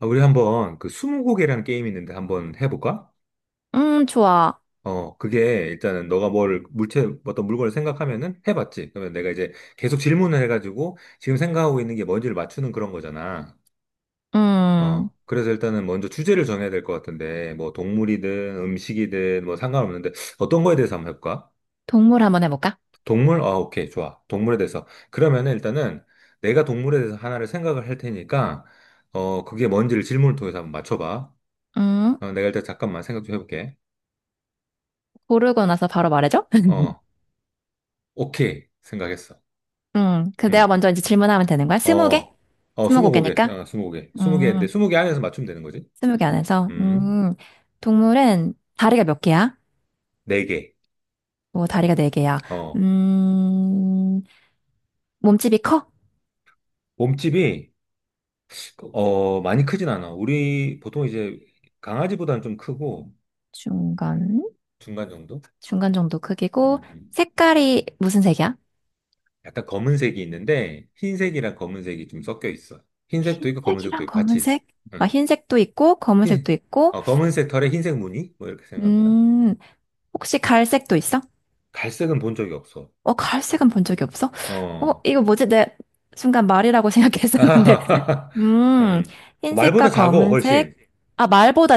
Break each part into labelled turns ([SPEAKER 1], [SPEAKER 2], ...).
[SPEAKER 1] 아, 우리 한번 그 스무고개라는 게임이 있는데 한번 해볼까?
[SPEAKER 2] 좋아.
[SPEAKER 1] 그게 일단은 너가 뭘 물체 어떤 물건을 생각하면은 해봤지. 그러면 내가 이제 계속 질문을 해가지고 지금 생각하고 있는 게 뭔지를 맞추는 그런 거잖아.
[SPEAKER 2] 음,
[SPEAKER 1] 그래서 일단은 먼저 주제를 정해야 될 것 같은데 뭐 동물이든 음식이든 뭐 상관없는데 어떤 거에 대해서 한번 해볼까?
[SPEAKER 2] 동물 한번 해볼까?
[SPEAKER 1] 동물? 아, 오케이, 좋아. 동물에 대해서. 그러면은 일단은 내가 동물에 대해서 하나를 생각을 할 테니까 그게 뭔지를 질문을 통해서 한번 맞춰봐.
[SPEAKER 2] 음,
[SPEAKER 1] 내가 일단 잠깐만 생각 좀 해볼게.
[SPEAKER 2] 고르고 나서 바로 말해줘?
[SPEAKER 1] 어, 오케이. 생각했어.
[SPEAKER 2] 그 내가
[SPEAKER 1] 음,
[SPEAKER 2] 먼저 이제 질문하면 되는 거야? 20개?
[SPEAKER 1] 어,
[SPEAKER 2] 스무
[SPEAKER 1] 스무 고개,
[SPEAKER 2] 고개니까?
[SPEAKER 1] 스무 개인데,
[SPEAKER 2] 음,
[SPEAKER 1] 20개 안에서 맞추면 되는 거지?
[SPEAKER 2] 20개 안에서.
[SPEAKER 1] 음,
[SPEAKER 2] 동물은 다리가 몇 개야?
[SPEAKER 1] 4개.
[SPEAKER 2] 뭐, 다리가 4개야.
[SPEAKER 1] 어,
[SPEAKER 2] 음, 몸집이 커?
[SPEAKER 1] 몸집이, 많이 크진 않아. 우리, 보통 이제, 강아지보다는 좀 크고,
[SPEAKER 2] 중간?
[SPEAKER 1] 중간 정도?
[SPEAKER 2] 중간 정도 크기고,
[SPEAKER 1] 음, 음.
[SPEAKER 2] 색깔이 무슨 색이야?
[SPEAKER 1] 약간 검은색이 있는데, 흰색이랑 검은색이 좀 섞여 있어. 흰색도 있고, 검은색도
[SPEAKER 2] 흰색이랑
[SPEAKER 1] 있고, 같이 있어.
[SPEAKER 2] 검은색? 아,
[SPEAKER 1] 응.
[SPEAKER 2] 흰색도 있고,
[SPEAKER 1] 흰,
[SPEAKER 2] 검은색도 있고,
[SPEAKER 1] 검은색 털에 흰색 무늬? 뭐, 이렇게 생각하면 되나?
[SPEAKER 2] 음, 혹시 갈색도 있어?
[SPEAKER 1] 갈색은 본 적이 없어.
[SPEAKER 2] 어, 갈색은 본 적이 없어? 어,
[SPEAKER 1] 어,
[SPEAKER 2] 이거 뭐지? 내 순간 말이라고 생각했었는데.
[SPEAKER 1] 아,
[SPEAKER 2] 음,
[SPEAKER 1] 음.
[SPEAKER 2] 흰색과
[SPEAKER 1] 말보다 작어,
[SPEAKER 2] 검은색.
[SPEAKER 1] 훨씬.
[SPEAKER 2] 아, 말보다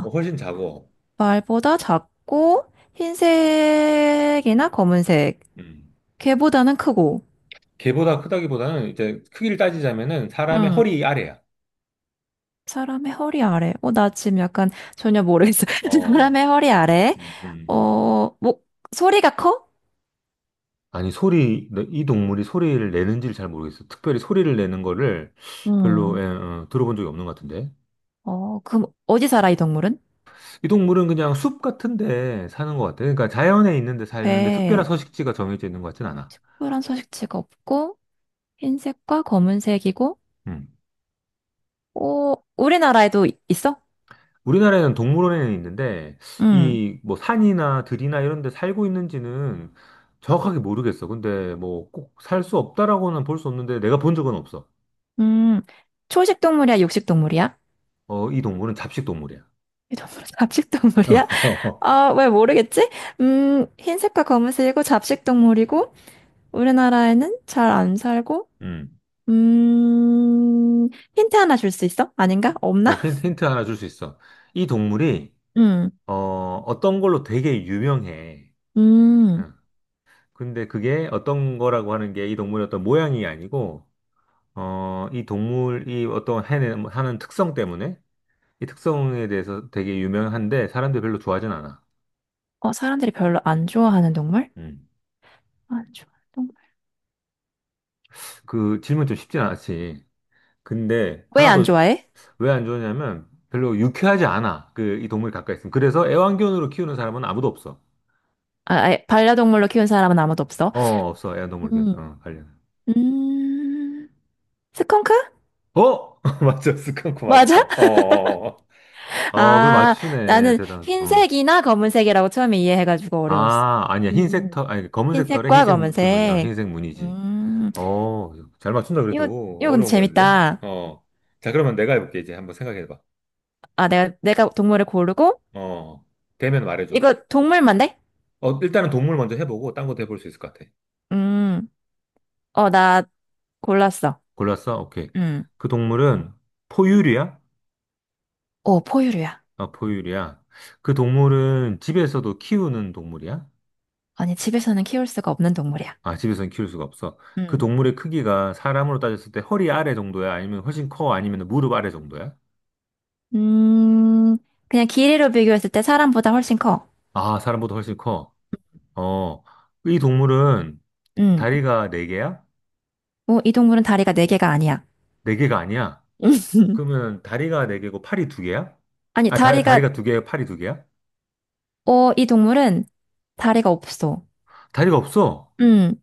[SPEAKER 1] 훨씬 작어.
[SPEAKER 2] 말보다 작고, 흰색이나 검은색.
[SPEAKER 1] 음.
[SPEAKER 2] 걔보다는 크고.
[SPEAKER 1] 개보다 크다기보다는 이제 크기를 따지자면은 사람의
[SPEAKER 2] 음.
[SPEAKER 1] 허리 아래야.
[SPEAKER 2] 사람의 허리 아래. 어, 나 지금 약간 전혀 모르겠어.
[SPEAKER 1] 어,
[SPEAKER 2] 사람의 허리 아래.
[SPEAKER 1] 음, 음.
[SPEAKER 2] 어, 목, 소리가 커?
[SPEAKER 1] 아니, 소리, 이 동물이 소리를 내는지를 잘 모르겠어. 특별히 소리를 내는 거를 별로
[SPEAKER 2] 음.
[SPEAKER 1] 들어본 적이 없는 것 같은데.
[SPEAKER 2] 어, 그럼 어디 살아, 이 동물은?
[SPEAKER 1] 이 동물은 그냥 숲 같은 데 사는 것 같아. 그러니까 자연에 있는 데 살는데 특별한
[SPEAKER 2] 배에
[SPEAKER 1] 서식지가 정해져 있는 것 같진 않아.
[SPEAKER 2] 특별한 서식지가 없고, 흰색과 검은색이고,
[SPEAKER 1] 음.
[SPEAKER 2] 오, 우리나라에도 이- 있어?
[SPEAKER 1] 우리나라에는 동물원에는 있는데,
[SPEAKER 2] 음,
[SPEAKER 1] 이 뭐 산이나 들이나 이런 데 살고 있는지는 정확하게 모르겠어. 근데 뭐 꼭 살 수 없다라고는 볼 수 없는데, 내가 본 적은 없어.
[SPEAKER 2] 음, 초식 동물이야, 육식 동물이야?
[SPEAKER 1] 이 동물은 잡식 동물이야.
[SPEAKER 2] 이 동물은 잡식 동물이야? 아, 왜 모르겠지? 흰색과 검은색이고, 잡식 동물이고, 우리나라에는 잘 안 살고,
[SPEAKER 1] 음.
[SPEAKER 2] 음, 힌트 하나 줄 수 있어? 아닌가? 없나?
[SPEAKER 1] 힌트 하나 줄 수 있어. 이 동물이,
[SPEAKER 2] 음,
[SPEAKER 1] 어, 어떤 걸로 되게 유명해.
[SPEAKER 2] 음,
[SPEAKER 1] 어. 근데 그게 어떤 거라고 하는 게 이 동물의 어떤 모양이 아니고, 이 동물이 어떤 하는 특성 때문에 이 특성에 대해서 되게 유명한데 사람들이 별로 좋아하진 않아.
[SPEAKER 2] 어, 사람들이 별로 안 좋아하는 동물?
[SPEAKER 1] 음.
[SPEAKER 2] 안 좋아하는 동물.
[SPEAKER 1] 그 질문 좀 쉽진 않았지. 근데
[SPEAKER 2] 왜
[SPEAKER 1] 하나
[SPEAKER 2] 안
[SPEAKER 1] 더
[SPEAKER 2] 좋아해?
[SPEAKER 1] 왜 안 좋으냐면 별로 유쾌하지 않아. 그 이 동물 가까이 있으면. 그래서 애완견으로 키우는 사람은 아무도 없어.
[SPEAKER 2] 아, 아예 반려동물로 키운 사람은 아무도 없어.
[SPEAKER 1] 어, 없어. 애완동물 키우는
[SPEAKER 2] 음,
[SPEAKER 1] 사람. 관련.
[SPEAKER 2] 음. 스컹크?
[SPEAKER 1] 어? 맞아. 스컹크 맞아.
[SPEAKER 2] 맞아?
[SPEAKER 1] 어, 어, 어. 그걸
[SPEAKER 2] 아,
[SPEAKER 1] 맞추네.
[SPEAKER 2] 나는
[SPEAKER 1] 대단. 어.
[SPEAKER 2] 흰색이나 검은색이라고 처음에 이해해가지고 어려웠어.
[SPEAKER 1] 아, 아니야. 흰색
[SPEAKER 2] 음.
[SPEAKER 1] 털, 아니 검은색 털에
[SPEAKER 2] 흰색과
[SPEAKER 1] 흰색 줄무늬,
[SPEAKER 2] 검은색.
[SPEAKER 1] 흰색 무늬지.
[SPEAKER 2] 음,
[SPEAKER 1] 어, 잘 맞춘다
[SPEAKER 2] 이거,
[SPEAKER 1] 그래도
[SPEAKER 2] 이거 근데
[SPEAKER 1] 어려운 거였네.
[SPEAKER 2] 재밌다.
[SPEAKER 1] 어. 자, 그러면 내가 해볼게 이제 한번 생각해봐.
[SPEAKER 2] 아, 내가 동물을 고르고,
[SPEAKER 1] 어, 되면 말해줘.
[SPEAKER 2] 이거 동물만 돼?
[SPEAKER 1] 일단은 동물 먼저 해보고 딴 것도 해볼 수 있을 것 같아.
[SPEAKER 2] 음, 어, 나 골랐어.
[SPEAKER 1] 골랐어? 오케이.
[SPEAKER 2] 음,
[SPEAKER 1] 그 동물은 포유류야?
[SPEAKER 2] 어, 포유류야.
[SPEAKER 1] 아, 포유류야. 그 동물은 집에서도 키우는 동물이야?
[SPEAKER 2] 아니, 집에서는 키울 수가 없는 동물이야.
[SPEAKER 1] 아, 집에서는 키울 수가 없어. 그
[SPEAKER 2] 음,
[SPEAKER 1] 동물의 크기가 사람으로 따졌을 때 허리 아래 정도야? 아니면 훨씬 커? 아니면 무릎 아래 정도야?
[SPEAKER 2] 음, 그냥 길이로 비교했을 때 사람보다 훨씬 커.
[SPEAKER 1] 아, 사람보다 훨씬 커. 어, 이 동물은
[SPEAKER 2] 음,
[SPEAKER 1] 다리가 4개야4개가
[SPEAKER 2] 어, 이 동물은 다리가 4개가 아니야.
[SPEAKER 1] 아니야? 그러면 다리가 4개고 팔이 2개야.
[SPEAKER 2] 아니,
[SPEAKER 1] 아,
[SPEAKER 2] 다리가
[SPEAKER 1] 다리가 2개에 팔이 2개야.
[SPEAKER 2] 이 동물은 다리가 없어.
[SPEAKER 1] 다리가 없어.
[SPEAKER 2] 음,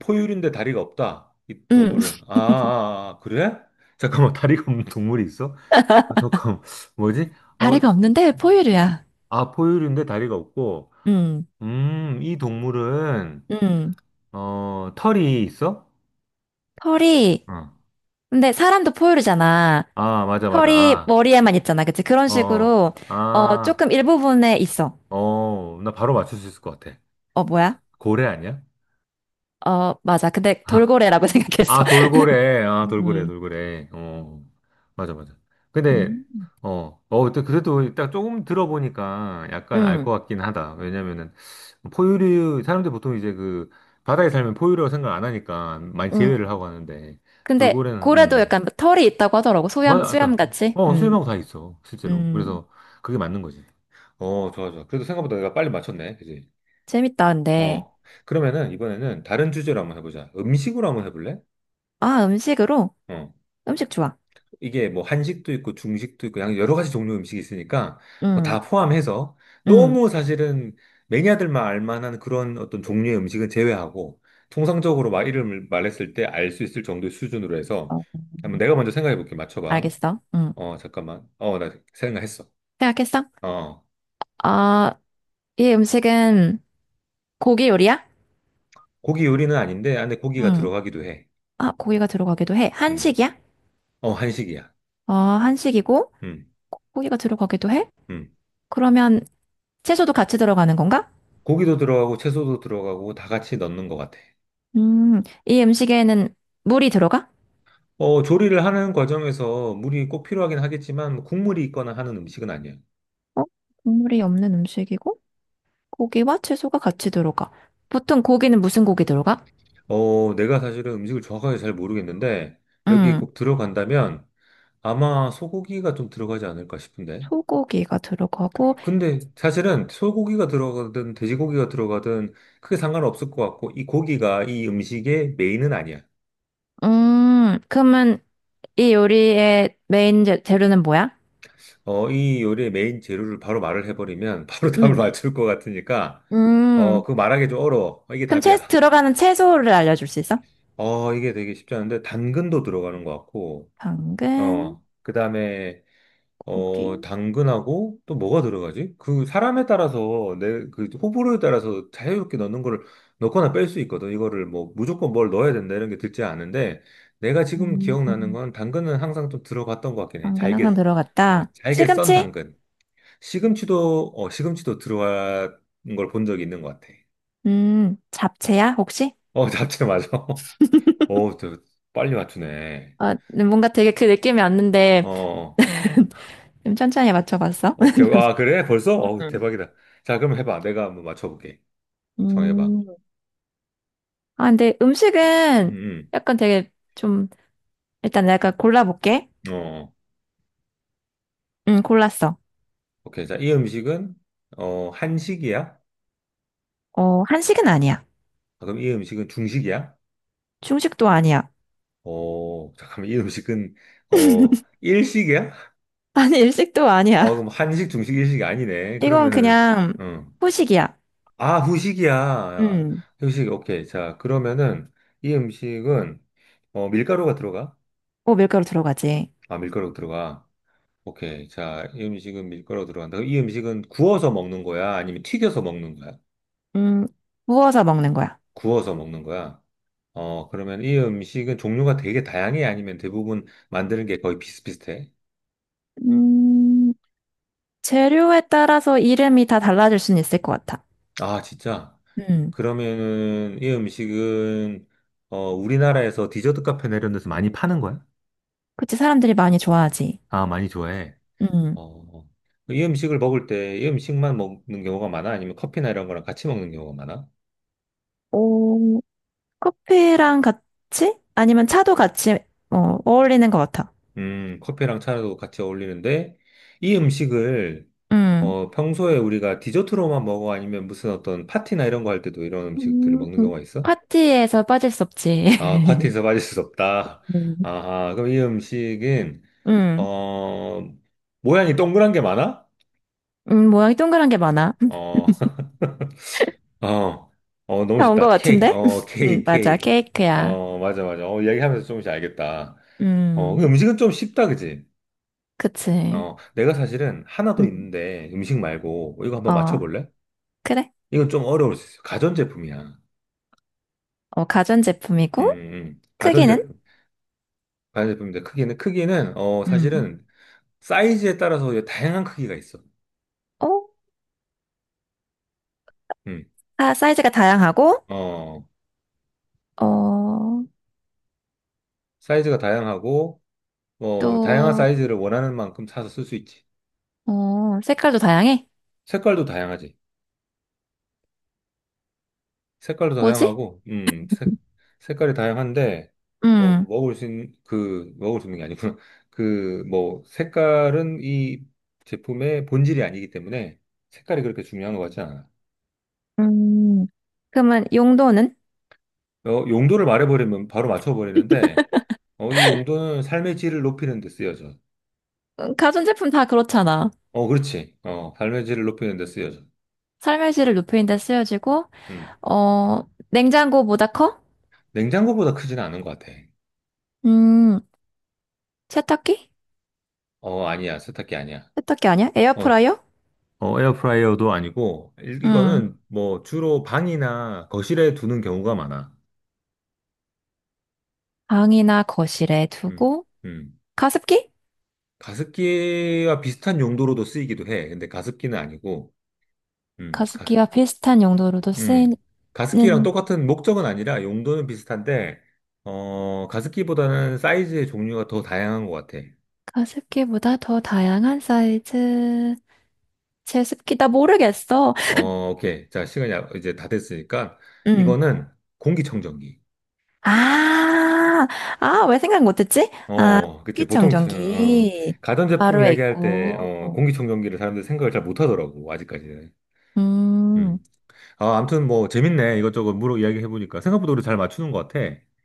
[SPEAKER 1] 포유류인데 다리가 없다. 이
[SPEAKER 2] 음.
[SPEAKER 1] 동물은. 아, 아, 아, 아, 그래? 잠깐만, 다리가 없는 동물이 있어? 아, 잠깐, 뭐지? 어,
[SPEAKER 2] 다리가 없는데 포유류야.
[SPEAKER 1] 아, 포유류인데 다리가 없고,
[SPEAKER 2] 음,
[SPEAKER 1] 이 동물은,
[SPEAKER 2] 음.
[SPEAKER 1] 털이 있어?
[SPEAKER 2] 털이,
[SPEAKER 1] 어.
[SPEAKER 2] 근데 사람도 포유류잖아.
[SPEAKER 1] 아, 맞아, 맞아.
[SPEAKER 2] 털이
[SPEAKER 1] 아,
[SPEAKER 2] 머리에만 있잖아. 그치? 그런
[SPEAKER 1] 어, 어.
[SPEAKER 2] 식으로, 어,
[SPEAKER 1] 아,
[SPEAKER 2] 조금 일부분에 있어.
[SPEAKER 1] 나 바로 맞출 수 있을 것 같아.
[SPEAKER 2] 어, 뭐야?
[SPEAKER 1] 고래 아니야?
[SPEAKER 2] 어, 맞아. 근데 돌고래라고 생각했어.
[SPEAKER 1] 아, 돌고래. 아, 돌고래,
[SPEAKER 2] 음,
[SPEAKER 1] 돌고래. 어, 맞아, 맞아. 근데,
[SPEAKER 2] 음,
[SPEAKER 1] 또 그래도 딱 조금 들어보니까 약간 알
[SPEAKER 2] 음.
[SPEAKER 1] 것 같긴 하다. 왜냐면은, 포유류, 사람들 보통 이제 그, 바다에 살면 포유류라고 생각 안 하니까 많이
[SPEAKER 2] 음.
[SPEAKER 1] 제외를 하고 하는데,
[SPEAKER 2] 근데
[SPEAKER 1] 돌고래는,
[SPEAKER 2] 고래도 약간 털이 있다고 하더라고. 수염,
[SPEAKER 1] 맞아,
[SPEAKER 2] 수염
[SPEAKER 1] 맞아.
[SPEAKER 2] 같이.
[SPEAKER 1] 수염하고 다 있어, 실제로.
[SPEAKER 2] 음.
[SPEAKER 1] 그래서 그게 맞는 거지. 좋아, 좋아. 그래도 생각보다 내가 빨리 맞췄네, 그지?
[SPEAKER 2] 재밌다, 근데.
[SPEAKER 1] 어, 그러면은 이번에는 다른 주제로 한번 해보자. 음식으로 한번 해볼래?
[SPEAKER 2] 아, 음식으로?
[SPEAKER 1] 어.
[SPEAKER 2] 음식 좋아.
[SPEAKER 1] 이게 뭐 한식도 있고 중식도 있고 여러 가지 종류 음식이 있으니까 뭐 다
[SPEAKER 2] 음,
[SPEAKER 1] 포함해서
[SPEAKER 2] 음.
[SPEAKER 1] 너무 사실은 매니아들만 알 만한 그런 어떤 종류의 음식은 제외하고 통상적으로 막 이름을 말했을 때 알 수 있을 정도의 수준으로 해서
[SPEAKER 2] 어,
[SPEAKER 1] 한번 내가 먼저 생각해 볼게. 맞춰봐.
[SPEAKER 2] 알겠어. 응.
[SPEAKER 1] 잠깐만. 나 생각했어.
[SPEAKER 2] 생각했어?
[SPEAKER 1] 어,
[SPEAKER 2] 아, 이 음식은 고기 요리야?
[SPEAKER 1] 고기 요리는 아닌데 안에 고기가
[SPEAKER 2] 응.
[SPEAKER 1] 들어가기도 해.
[SPEAKER 2] 아, 고기가 들어가기도 해.
[SPEAKER 1] 음,
[SPEAKER 2] 한식이야?
[SPEAKER 1] 한식이야.
[SPEAKER 2] 어, 한식이고,
[SPEAKER 1] 음,
[SPEAKER 2] 고- 고기가 들어가기도 해?
[SPEAKER 1] 음.
[SPEAKER 2] 그러면 채소도 같이 들어가는 건가?
[SPEAKER 1] 고기도 들어가고 채소도 들어가고 다 같이 넣는 것 같아.
[SPEAKER 2] 이 음식에는 물이 들어가?
[SPEAKER 1] 조리를 하는 과정에서 물이 꼭 필요하긴 하겠지만 뭐 국물이 있거나 하는 음식은 아니에요.
[SPEAKER 2] 어? 국물이 없는 음식이고, 고기와 채소가 같이 들어가. 보통 고기는 무슨 고기 들어가?
[SPEAKER 1] 내가 사실은 음식을 정확하게 잘 모르겠는데 여기
[SPEAKER 2] 음,
[SPEAKER 1] 꼭 들어간다면 아마 소고기가 좀 들어가지 않을까 싶은데.
[SPEAKER 2] 소고기가 들어가고,
[SPEAKER 1] 근데 사실은 소고기가 들어가든 돼지고기가 들어가든 크게 상관없을 것 같고 이 고기가 이 음식의 메인은 아니야.
[SPEAKER 2] 그러면 이 요리의 메인 재료는 뭐야?
[SPEAKER 1] 이 요리의 메인 재료를 바로 말을 해버리면 바로 답을
[SPEAKER 2] 응.
[SPEAKER 1] 맞출 것 같으니까
[SPEAKER 2] 음,
[SPEAKER 1] 그거 말하기 좀 어려워. 이게
[SPEAKER 2] 그럼
[SPEAKER 1] 답이야.
[SPEAKER 2] 들어가는 채소를 알려줄 수 있어?
[SPEAKER 1] 이게 되게 쉽지 않은데, 당근도 들어가는 것 같고,
[SPEAKER 2] 당근,
[SPEAKER 1] 그 다음에,
[SPEAKER 2] 고기,
[SPEAKER 1] 당근하고 또 뭐가 들어가지? 그 사람에 따라서 내 그 호불호에 따라서 자유롭게 넣는 거를 넣거나 뺄 수 있거든. 이거를 뭐 무조건 뭘 넣어야 된다 이런 게 듣지 않은데, 내가 지금 기억나는
[SPEAKER 2] 음,
[SPEAKER 1] 건 당근은 항상 좀 들어갔던 것 같긴 해.
[SPEAKER 2] 당근 항상
[SPEAKER 1] 잘게, 어,
[SPEAKER 2] 들어갔다.
[SPEAKER 1] 잘게 썬
[SPEAKER 2] 시금치?
[SPEAKER 1] 당근. 시금치도 들어간 걸 본 적이 있는 것 같아.
[SPEAKER 2] 잡채야, 혹시?
[SPEAKER 1] 잡채 맞아. 어, 저 빨리 맞추네.
[SPEAKER 2] 어, 뭔가 되게 그 느낌이 왔는데,
[SPEAKER 1] 어.
[SPEAKER 2] 좀 천천히 맞춰봤어?
[SPEAKER 1] 오케이. 아, 그래? 벌써? 어,
[SPEAKER 2] 음.
[SPEAKER 1] 대박이다. 자, 그럼 해봐. 내가 한번 맞춰볼게. 정해봐.
[SPEAKER 2] 음. 아, 근데 음식은
[SPEAKER 1] 음,
[SPEAKER 2] 약간 되게 좀, 일단 내가 골라볼게.
[SPEAKER 1] 어, 어.
[SPEAKER 2] 응, 골랐어.
[SPEAKER 1] 오케이. 자, 이 음식은, 한식이야?
[SPEAKER 2] 어, 한식은 아니야.
[SPEAKER 1] 아, 그럼 이 음식은 중식이야?
[SPEAKER 2] 중식도 아니야.
[SPEAKER 1] 잠깐만. 이 음식은, 일식이야?
[SPEAKER 2] 아니, 일식도
[SPEAKER 1] 아,
[SPEAKER 2] 아니야.
[SPEAKER 1] 그럼 한식, 중식, 일식이 아니네.
[SPEAKER 2] 이건
[SPEAKER 1] 그러면은,
[SPEAKER 2] 그냥
[SPEAKER 1] 음.
[SPEAKER 2] 후식이야.
[SPEAKER 1] 아, 후식이야.
[SPEAKER 2] 음.
[SPEAKER 1] 후식, 오케이. 자, 그러면은, 이 음식은, 밀가루가 들어가?
[SPEAKER 2] 오, 밀가루 들어가지.
[SPEAKER 1] 아, 밀가루 들어가. 오케이. 자, 이 음식은 밀가루 들어간다. 그럼 이 음식은 구워서 먹는 거야? 아니면 튀겨서 먹는 거야?
[SPEAKER 2] 음, 구워서 먹는 거야.
[SPEAKER 1] 구워서 먹는 거야? 그러면 이 음식은 종류가 되게 다양해? 아니면 대부분 만드는 게 거의 비슷비슷해?
[SPEAKER 2] 음, 재료에 따라서 이름이 다 달라질 수는 있을 것 같아.
[SPEAKER 1] 아, 진짜?
[SPEAKER 2] 음,
[SPEAKER 1] 그러면은 이 음식은 우리나라에서 디저트 카페나 이런 데서 많이 파는 거야?
[SPEAKER 2] 그치, 사람들이 많이 좋아하지.
[SPEAKER 1] 아, 많이 좋아해.
[SPEAKER 2] 음,
[SPEAKER 1] 어, 이 음식을 먹을 때 이 음식만 먹는 경우가 많아? 아니면 커피나 이런 거랑 같이 먹는 경우가 많아?
[SPEAKER 2] 오, 커피랑 같이? 아니면 차도 같이, 어, 어울리는 것 같아.
[SPEAKER 1] 커피랑 차도 같이 어울리는데 이 음식을
[SPEAKER 2] 음,
[SPEAKER 1] 평소에 우리가 디저트로만 먹어 아니면 무슨 어떤 파티나 이런 거 할 때도 이런 음식들을
[SPEAKER 2] 음,
[SPEAKER 1] 먹는 경우가 있어?
[SPEAKER 2] 파티에서 빠질 수 없지.
[SPEAKER 1] 아, 파티에서 빠질 수 없다.
[SPEAKER 2] 음,
[SPEAKER 1] 아하, 그럼 이 음식은,
[SPEAKER 2] 음,
[SPEAKER 1] 어, 모양이 동그란 게 많아?
[SPEAKER 2] 모양이 동그란 게 많아.
[SPEAKER 1] 어, 어, 너무
[SPEAKER 2] 다 온 것
[SPEAKER 1] 쉽다. 케이크,
[SPEAKER 2] 같은데?
[SPEAKER 1] 케이크,
[SPEAKER 2] 맞아,
[SPEAKER 1] 케이크.
[SPEAKER 2] 케이크야.
[SPEAKER 1] 맞아, 맞아. 얘기하면서 조금씩 알겠다. 그
[SPEAKER 2] 음,
[SPEAKER 1] 음식은 좀 쉽다, 그지?
[SPEAKER 2] 그치.
[SPEAKER 1] 내가 사실은 하나 더
[SPEAKER 2] 음,
[SPEAKER 1] 있는데 음식 말고 이거 한번
[SPEAKER 2] 어,
[SPEAKER 1] 맞춰볼래?
[SPEAKER 2] 그래.
[SPEAKER 1] 이건 좀 어려울 수 있어. 가전제품이야.
[SPEAKER 2] 어, 가전제품이고, 크기는?
[SPEAKER 1] 가전제품. 반대품입니다. 크기는
[SPEAKER 2] 음.
[SPEAKER 1] 사실은 사이즈에 따라서 이제 다양한 크기가 있어.
[SPEAKER 2] 어?
[SPEAKER 1] 음.
[SPEAKER 2] 아, 사이즈가 다양하고,
[SPEAKER 1] 어
[SPEAKER 2] 어,
[SPEAKER 1] 사이즈가 다양하고 뭐 다양한
[SPEAKER 2] 또,
[SPEAKER 1] 사이즈를 원하는 만큼 사서 쓸 수 있지.
[SPEAKER 2] 어, 색깔도 다양해?
[SPEAKER 1] 색깔도 다양하지. 색깔도
[SPEAKER 2] 뭐지?
[SPEAKER 1] 다양하고 색깔이 다양한데 뭐
[SPEAKER 2] 음,
[SPEAKER 1] 먹을 수 있는 그 먹을 수 있는 게 아니구나. 그 뭐 색깔은 이 제품의 본질이 아니기 때문에 색깔이 그렇게 중요한 것 같지 않아.
[SPEAKER 2] 음. 그러면 용도는?
[SPEAKER 1] 용도를 말해버리면 바로 맞춰버리는데, 이 용도는 삶의 질을 높이는 데 쓰여져.
[SPEAKER 2] 가전제품 다 그렇잖아.
[SPEAKER 1] 그렇지. 삶의 질을 높이는 데 쓰여져.
[SPEAKER 2] 삶의 질을 높이는 데 쓰여지고,
[SPEAKER 1] 음.
[SPEAKER 2] 어, 냉장고보다 커?
[SPEAKER 1] 냉장고보다 크지는 않은 것 같아.
[SPEAKER 2] 음, 세탁기?
[SPEAKER 1] 아니야. 세탁기 아니야.
[SPEAKER 2] 세탁기 아니야?
[SPEAKER 1] 어,
[SPEAKER 2] 에어프라이어?
[SPEAKER 1] 에어프라이어도 아니고,
[SPEAKER 2] 음,
[SPEAKER 1] 이거는 뭐 주로 방이나 거실에 두는 경우가 많아.
[SPEAKER 2] 방이나 거실에
[SPEAKER 1] 음,
[SPEAKER 2] 두고,
[SPEAKER 1] 음.
[SPEAKER 2] 가습기?
[SPEAKER 1] 가습기와 비슷한 용도로도 쓰이기도 해. 근데 가습기는 아니고, 음, 가,
[SPEAKER 2] 가습기와 비슷한 용도로도
[SPEAKER 1] 음,
[SPEAKER 2] 쓰이는
[SPEAKER 1] 가습기랑 똑같은 목적은 아니라 용도는 비슷한데, 가습기보다는 사이즈의 종류가 더 다양한 것 같아.
[SPEAKER 2] 가습기보다 더 다양한 사이즈. 제습기 나 모르겠어.
[SPEAKER 1] 오케이. 자, 시간이 이제 다 됐으니까,
[SPEAKER 2] 음.
[SPEAKER 1] 이거는 공기청정기.
[SPEAKER 2] 아, 아, 왜 생각 못했지?
[SPEAKER 1] 그치. 보통,
[SPEAKER 2] 식기청정기
[SPEAKER 1] 가전제품
[SPEAKER 2] 바로에
[SPEAKER 1] 이야기할 때,
[SPEAKER 2] 있고.
[SPEAKER 1] 공기청정기를 사람들이 생각을 잘 못하더라고, 아직까지는.
[SPEAKER 2] 음,
[SPEAKER 1] 음. 아, 아무튼 뭐, 재밌네. 이것저것 물어 이야기해보니까. 생각보다 우리 잘 맞추는 것 같아.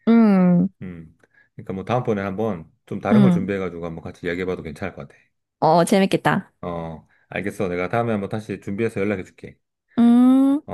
[SPEAKER 2] 음,
[SPEAKER 1] 음. 그러니까 뭐, 다음번에 한번 좀 다른 걸
[SPEAKER 2] 음.
[SPEAKER 1] 준비해가지고 한번 같이 이야기해봐도 괜찮을 것 같아.
[SPEAKER 2] 어, 재밌겠다.
[SPEAKER 1] 알겠어. 내가 다음에 한번 다시 준비해서 연락해 줄게.
[SPEAKER 2] 음.
[SPEAKER 1] 어?